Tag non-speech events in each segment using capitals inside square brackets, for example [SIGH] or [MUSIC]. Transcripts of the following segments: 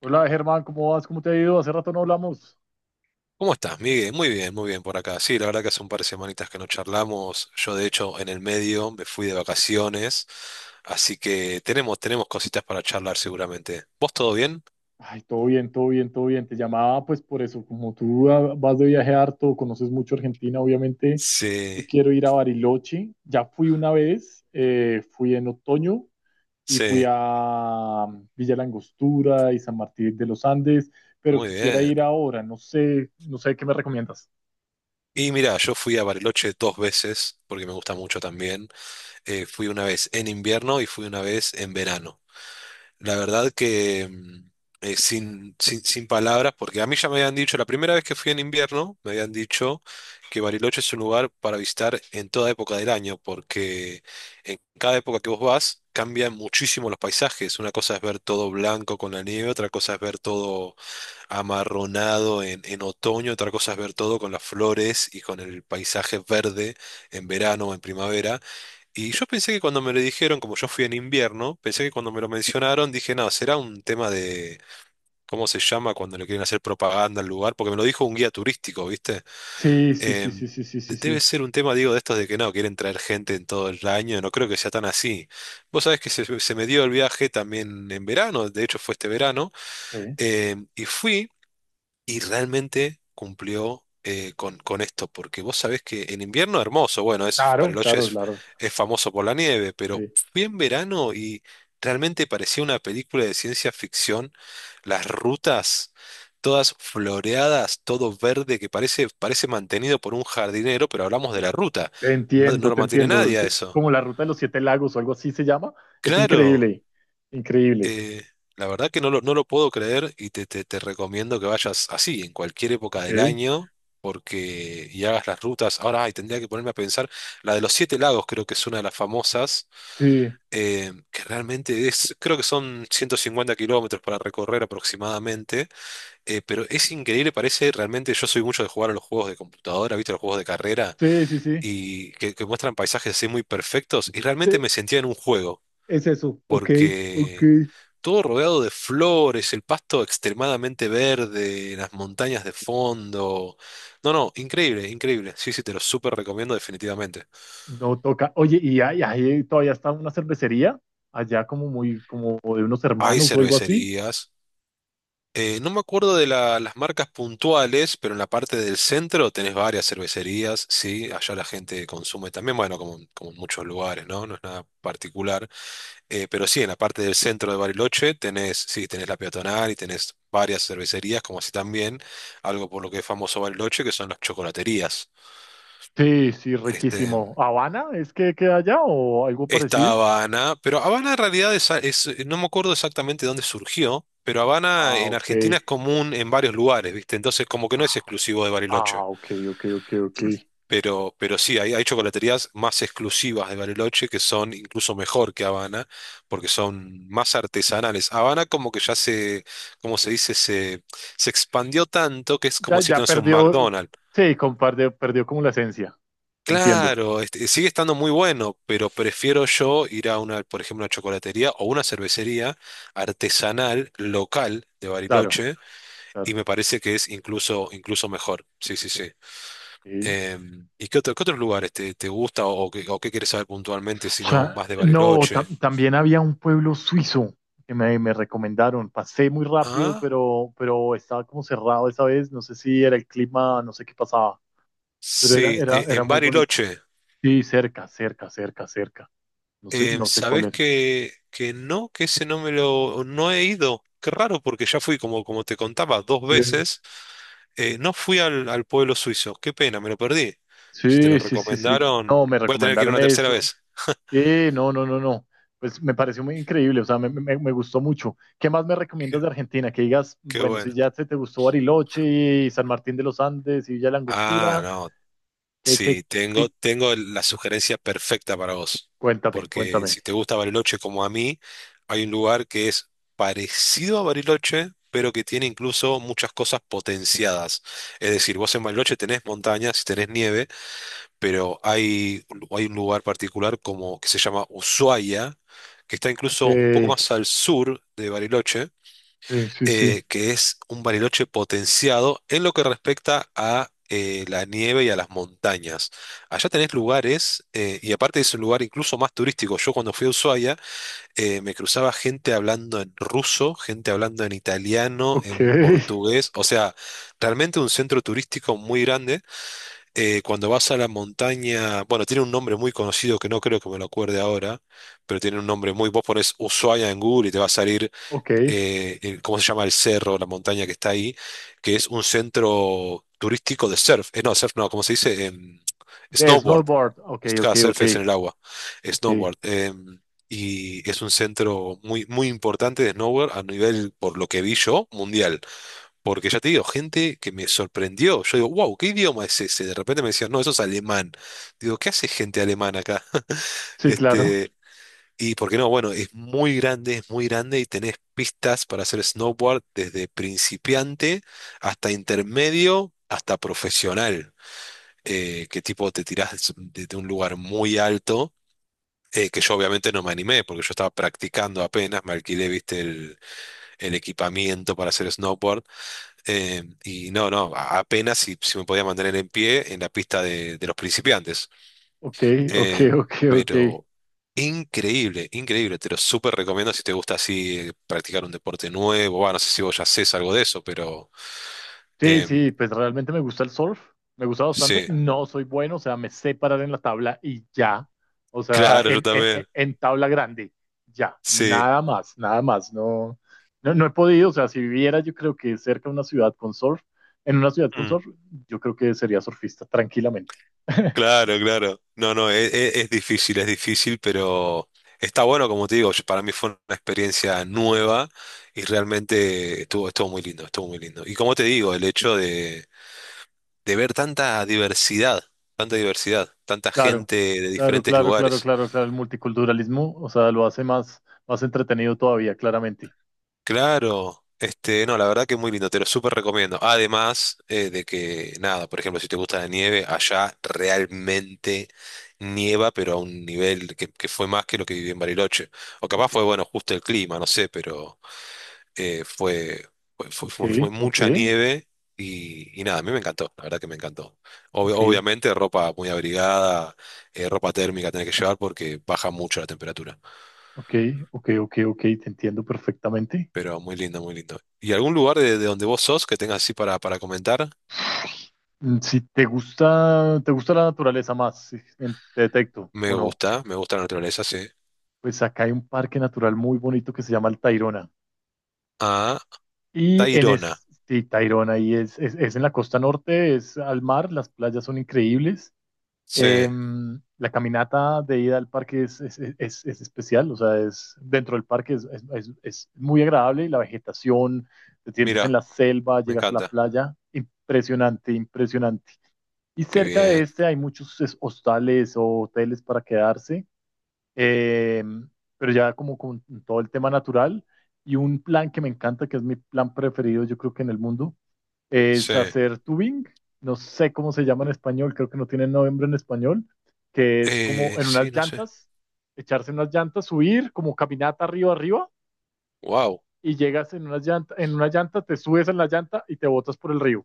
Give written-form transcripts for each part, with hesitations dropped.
Hola Germán, ¿cómo vas? ¿Cómo te ha ido? Hace rato no hablamos. ¿Cómo estás, Miguel? Muy bien por acá. Sí, la verdad que hace un par de semanitas que no charlamos. Yo, de hecho, en el medio me fui de vacaciones, así que tenemos, tenemos cositas para charlar seguramente. ¿Vos todo bien? Ay, todo bien, todo bien, todo bien. Te llamaba pues por eso, como tú vas de viaje harto, conoces mucho Argentina, obviamente, Sí, yo quiero ir a Bariloche. Ya fui una vez, fui en otoño y fui sí, a Villa La Angostura y San Martín de los Andes, pero muy quisiera bien. ir ahora, no sé, no sé qué me recomiendas. Y mira, yo fui a Bariloche dos veces, porque me gusta mucho también. Fui una vez en invierno y fui una vez en verano. La verdad que mm, sin palabras, porque a mí ya me habían dicho, la primera vez que fui en invierno, me habían dicho que Bariloche es un lugar para visitar en toda época del año, porque en cada época que vos vas cambian muchísimo los paisajes. Una cosa es ver todo blanco con la nieve, otra cosa es ver todo amarronado en otoño, otra cosa es ver todo con las flores y con el paisaje verde en verano o en primavera. Y yo pensé que cuando me lo dijeron, como yo fui en invierno, pensé que cuando me lo mencionaron, dije, no, será un tema de cómo se llama cuando le quieren hacer propaganda al lugar, porque me lo dijo un guía turístico, ¿viste? Sí, sí, sí, sí, sí, sí, sí, Debe sí. ser un tema, digo, de estos de que no, quieren traer gente en todo el año, no creo que sea tan así. Vos sabés que se me dio el viaje también en verano, de hecho fue este verano, Sí. Y fui. Y realmente cumplió con esto, porque vos sabés que en invierno hermoso, bueno, es, Claro, Bariloche claro, claro. es famoso por la nieve, pero Sí. fui en verano y realmente parecía una película de ciencia ficción, las rutas todas floreadas, todo verde, que parece, parece mantenido por un jardinero, pero hablamos de la ruta, Te no, no entiendo, lo te mantiene entiendo. Es nadie a que eso. como la ruta de los siete lagos o algo así se llama, es Claro. increíble, increíble. Eh, la verdad que no no lo puedo creer y te, te recomiendo que vayas así, en cualquier época Ok, del año, porque y hagas las rutas. Ahora, ay, tendría que ponerme a pensar, la de los Siete Lagos creo que es una de las famosas, sí, que realmente es, creo que son 150 km para recorrer aproximadamente, pero es increíble, parece realmente, yo soy mucho de jugar a los juegos de computadora, ¿viste? Los juegos de carrera, sí, sí, sí, y que muestran paisajes así muy perfectos, y realmente sí, me sentía en un juego. es eso. Ok, ok. Porque todo rodeado de flores, el pasto extremadamente verde, las montañas de fondo. No, no, increíble, increíble. Sí, sí, te lo súper recomiendo definitivamente. No toca. Oye, y ahí, ahí todavía está una cervecería, allá como muy, como de unos Hay hermanos o algo así. cervecerías. No me acuerdo de las marcas puntuales, pero en la parte del centro tenés varias cervecerías, sí, allá la gente consume también, bueno, como, como en muchos lugares, ¿no? No es nada particular. Pero sí, en la parte del centro de Bariloche tenés, sí, tenés la peatonal y tenés varias cervecerías, como así también algo por lo que es famoso Bariloche, que son las chocolaterías. Sí, sí, Este, riquísimo. ¿Habana es que queda allá o algo está parecido? Habana, pero Habana en realidad es, no me acuerdo exactamente dónde surgió, pero Habana Ah, en ok. Argentina es común en varios lugares, ¿viste? Entonces como que no es exclusivo de Bariloche. Ah, ok, ok, ok, ok. Pero sí, hay chocolaterías más exclusivas de Bariloche que son incluso mejor que Habana, porque son más artesanales. Habana como que ya se, como se dice, se expandió tanto que es Ya, como decirte, ya no sé, un perdió, McDonald's. sí, compartió, perdió como la esencia. Entiendo, Claro, este, sigue estando muy bueno, pero prefiero yo ir a una, por ejemplo, una chocolatería o una cervecería artesanal local de claro, Bariloche y claro. me parece que es incluso, incluso mejor. Sí, sí, sí. Sí. ¿Y qué qué otros lugares te, te gusta o qué quieres saber puntualmente si O no sea, más de no, Bariloche? También había un pueblo suizo que me recomendaron. Pasé muy rápido, Ah, pero estaba como cerrado esa vez. No sé si era el clima, no sé qué pasaba, pero sí, era en muy bonito. Bariloche. Sí, cerca, cerca, cerca, cerca. No sé, no sé cuál ¿Sabés era. Que no? Que ese no me lo... no he ido. Qué raro porque ya fui, como, como te contaba, dos Sí, veces. No fui al pueblo suizo. Qué pena, me lo perdí. Si te lo sí, sí, sí, sí. recomendaron, No, me voy a tener que ir recomendaron una tercera eso. vez. Sí, no, no, no, no. Pues me pareció muy increíble, o sea, me gustó mucho. ¿Qué más me Qué, recomiendas de Argentina? Que digas, qué bueno, si bueno. ya te gustó Bariloche y San Martín de los Andes y Villa La Ah, Angostura, no. ¿qué, qué, Sí, tengo, qué? tengo la sugerencia perfecta para vos. Cuéntame, Porque si cuéntame. te gusta Bariloche como a mí, hay un lugar que es parecido a Bariloche, pero que tiene incluso muchas cosas potenciadas. Es decir, vos en Bariloche tenés montañas y tenés nieve, pero hay un lugar particular como que se llama Ushuaia, que está Ok, incluso un poco más al sur de Bariloche sí, sí, sí. Que es un Bariloche potenciado en lo que respecta a la nieve y a las montañas. Allá tenés lugares, y aparte es un lugar incluso más turístico. Yo cuando fui a Ushuaia me cruzaba gente hablando en ruso, gente hablando en italiano, Ok, [LAUGHS] en portugués, o sea, realmente un centro turístico muy grande. Cuando vas a la montaña, bueno, tiene un nombre muy conocido que no creo que me lo acuerde ahora, pero tiene un nombre muy, vos pones Ushuaia en Google y te va a salir ok. ¿Cómo se llama el cerro, la montaña que está ahí? Que es un centro turístico de surf. No, surf no, ¿cómo se dice? De Snowboard. snowboard, ok, ok, Cada surf ok, es en el agua. ok. Snowboard. Y es un centro muy, muy importante de snowboard a nivel, por lo que vi yo, mundial. Porque ya te digo, gente que me sorprendió. Yo digo, wow, ¿qué idioma es ese? De repente me decían, no, eso es alemán. Digo, ¿qué hace gente alemana acá? [LAUGHS] Sí, claro. Este, y por qué no, bueno, es muy grande y tenés pistas para hacer snowboard desde principiante hasta intermedio, hasta profesional, que tipo te tirás desde un lugar muy alto, que yo obviamente no me animé porque yo estaba practicando apenas, me alquilé, viste, el equipamiento para hacer snowboard, apenas si, si me podía mantener en pie en la pista de los principiantes. Ok, ok, Eh, ok, ok. pero increíble, increíble. Te lo súper recomiendo si te gusta así practicar un deporte nuevo. Bueno, no sé si vos ya haces algo de eso, pero Sí, em, sí, pues realmente me gusta el surf, me gusta bastante. sí, No soy bueno, o sea, me sé parar en la tabla y ya, o [LAUGHS] sea, claro, yo en, también. En tabla grande, ya, Sí, nada más, nada más. No, no, no he podido, o sea, si viviera yo creo que cerca de una ciudad con surf, en una ciudad con mm, surf, yo creo que sería surfista tranquilamente. [LAUGHS] claro, claro. No, no, es difícil, pero está bueno, como te digo, para mí fue una experiencia nueva y realmente estuvo, estuvo muy lindo, estuvo muy lindo. Y como te digo, el hecho de ver tanta diversidad, tanta diversidad, tanta Claro, gente de claro, diferentes claro, claro, lugares. claro, claro, el multiculturalismo, o sea, lo hace más, más entretenido todavía, claramente. Claro, este, no, la verdad que muy lindo, te lo súper recomiendo. Además de que, nada, por ejemplo, si te gusta la nieve, allá realmente nieva, pero a un nivel que fue más que lo que viví en Bariloche. O capaz Ok, fue, bueno, justo el clima, no sé, pero eh, fue, ok, fue ok, mucha nieve y nada, a mí me encantó, la verdad que me encantó. Ok. Obviamente ropa muy abrigada, ropa térmica tenés que llevar porque baja mucho la temperatura. Ok, ok, ok, ok, te entiendo perfectamente. Pero muy lindo, muy lindo. ¿Y algún lugar de donde vos sos que tengas así para comentar? Mm, si te gusta, te gusta la naturaleza más, te detecto o no. Me gusta la naturaleza, sí. Pues acá hay un parque natural muy bonito que se llama el Tayrona. Ah, Y en Tayrona. es, sí, Tayrona, y es, es en la costa norte, es al mar, las playas son increíbles. Sí, Em, la caminata de ida al parque es, es especial, o sea, es dentro del parque es, es muy agradable y la vegetación, te sientes mira, en la selva, me llegas a la encanta. playa. Impresionante, impresionante. Y Qué cerca de bien. este hay muchos hostales o hoteles para quedarse, eh, pero ya como con todo el tema natural. Y un plan que me encanta, que es mi plan preferido, yo creo que en el mundo, es Sí. hacer tubing. No sé cómo se llama en español, creo que no tiene nombre en español, que es como en unas Sí, no sé. llantas, echarse en unas llantas, subir como caminata arriba arriba Wow. y llegas en unas llanta, en una llanta, te subes en la llanta y te botas por el río.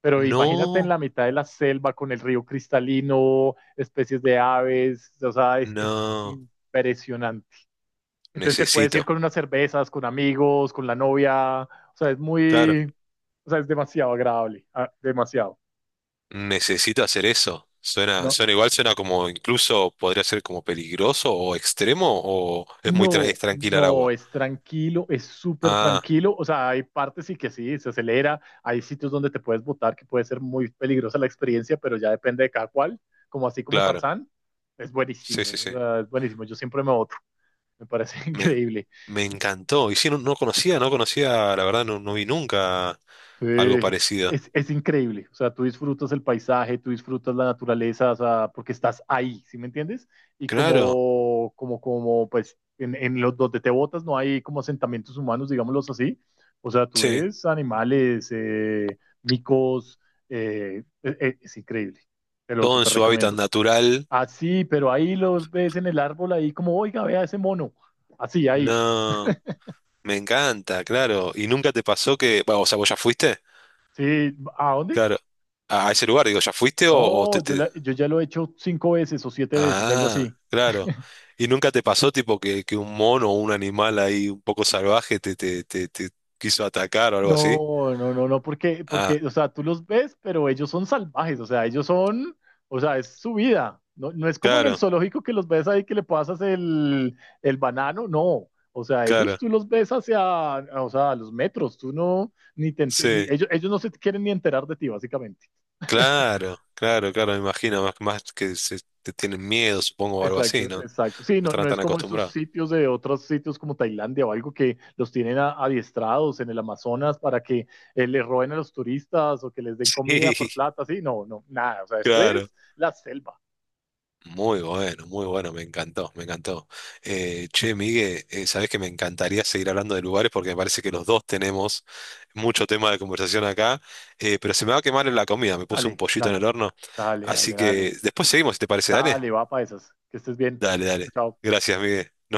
Pero imagínate en No, la mitad de la selva con el río cristalino, especies de aves, o sea, es no. impresionante. Entonces te puedes ir Necesito. con unas cervezas, con amigos, con la novia, o sea, es Claro. muy, o sea, es demasiado agradable, ah, demasiado. Necesito hacer eso. Suena, No. suena igual, suena como incluso podría ser como peligroso o extremo o es muy No, es tranquila el no, agua. es tranquilo, es súper Ah, tranquilo. O sea, hay partes sí que sí, se acelera, hay sitios donde te puedes botar que puede ser muy peligrosa la experiencia, pero ya depende de cada cual, como así como claro. Tarzán, es Sí, sí, buenísimo, o sí. sea, es buenísimo. Yo siempre me boto, me parece [LAUGHS] Me, increíble. me encantó. Y sí, no, no conocía, no conocía, la verdad, no, no vi nunca Sí, algo parecido. Es increíble. O sea, tú disfrutas el paisaje, tú disfrutas la naturaleza, o sea, porque estás ahí, ¿sí me entiendes? Y Claro, como, como, como, pues, en los donde te botas no hay como asentamientos humanos, digámoslos así. O sea, tú sí, ves animales, micos, es increíble. Te lo todo en súper su hábitat recomiendo. natural. Así, pero ahí los ves en el árbol, ahí como, oiga, vea ese mono. Así, ahí. No, me encanta, claro. ¿Y nunca te pasó que, bueno, o sea, vos ya fuiste? Sí, ¿a dónde? Claro. A ese lugar, digo, ¿ya fuiste o No, te, yo, yo ya lo he hecho 5 veces o 7 veces, algo Ah, así. claro. [LAUGHS] ¿Y nunca te pasó tipo que un mono o un animal ahí un poco salvaje te, te, te, te quiso atacar o algo así? No, no, no, no, porque, Ah, porque, o sea, tú los ves, pero ellos son salvajes, o sea, ellos son, o sea, es su vida. No, no es como en el claro, zoológico que los ves ahí que le pasas el banano, no. O sea, ellos claro, tú los ves hacia, o sea, a los metros, tú no, ni te, ente- ni- sí. ellos no se quieren ni enterar de ti, básicamente. Claro, claro, claro, me imagino, más, más que se, te tienen miedo, supongo, o algo Exacto, así, ¿no? No exacto. Sí, no, estarán no es tan como estos acostumbrados. sitios de otros sitios como Tailandia o algo que los tienen adiestrados en el Amazonas para que les roben a los turistas o que les den [LAUGHS] comida Sí, por plata. Sí, no, no, nada. O sea, esto claro. es la selva. Muy bueno, muy bueno, me encantó, me encantó. Che, Miguel, sabés que me encantaría seguir hablando de lugares porque me parece que los dos tenemos mucho tema de conversación acá, pero se me va a quemar la comida, me puse un Dale, pollito en dale, el horno, dale, así dale, dale. que después seguimos, si te parece, dale. Dale, va para esas. Que estés bien. Dale, Chao, dale. chao. Gracias, Miguel. Nos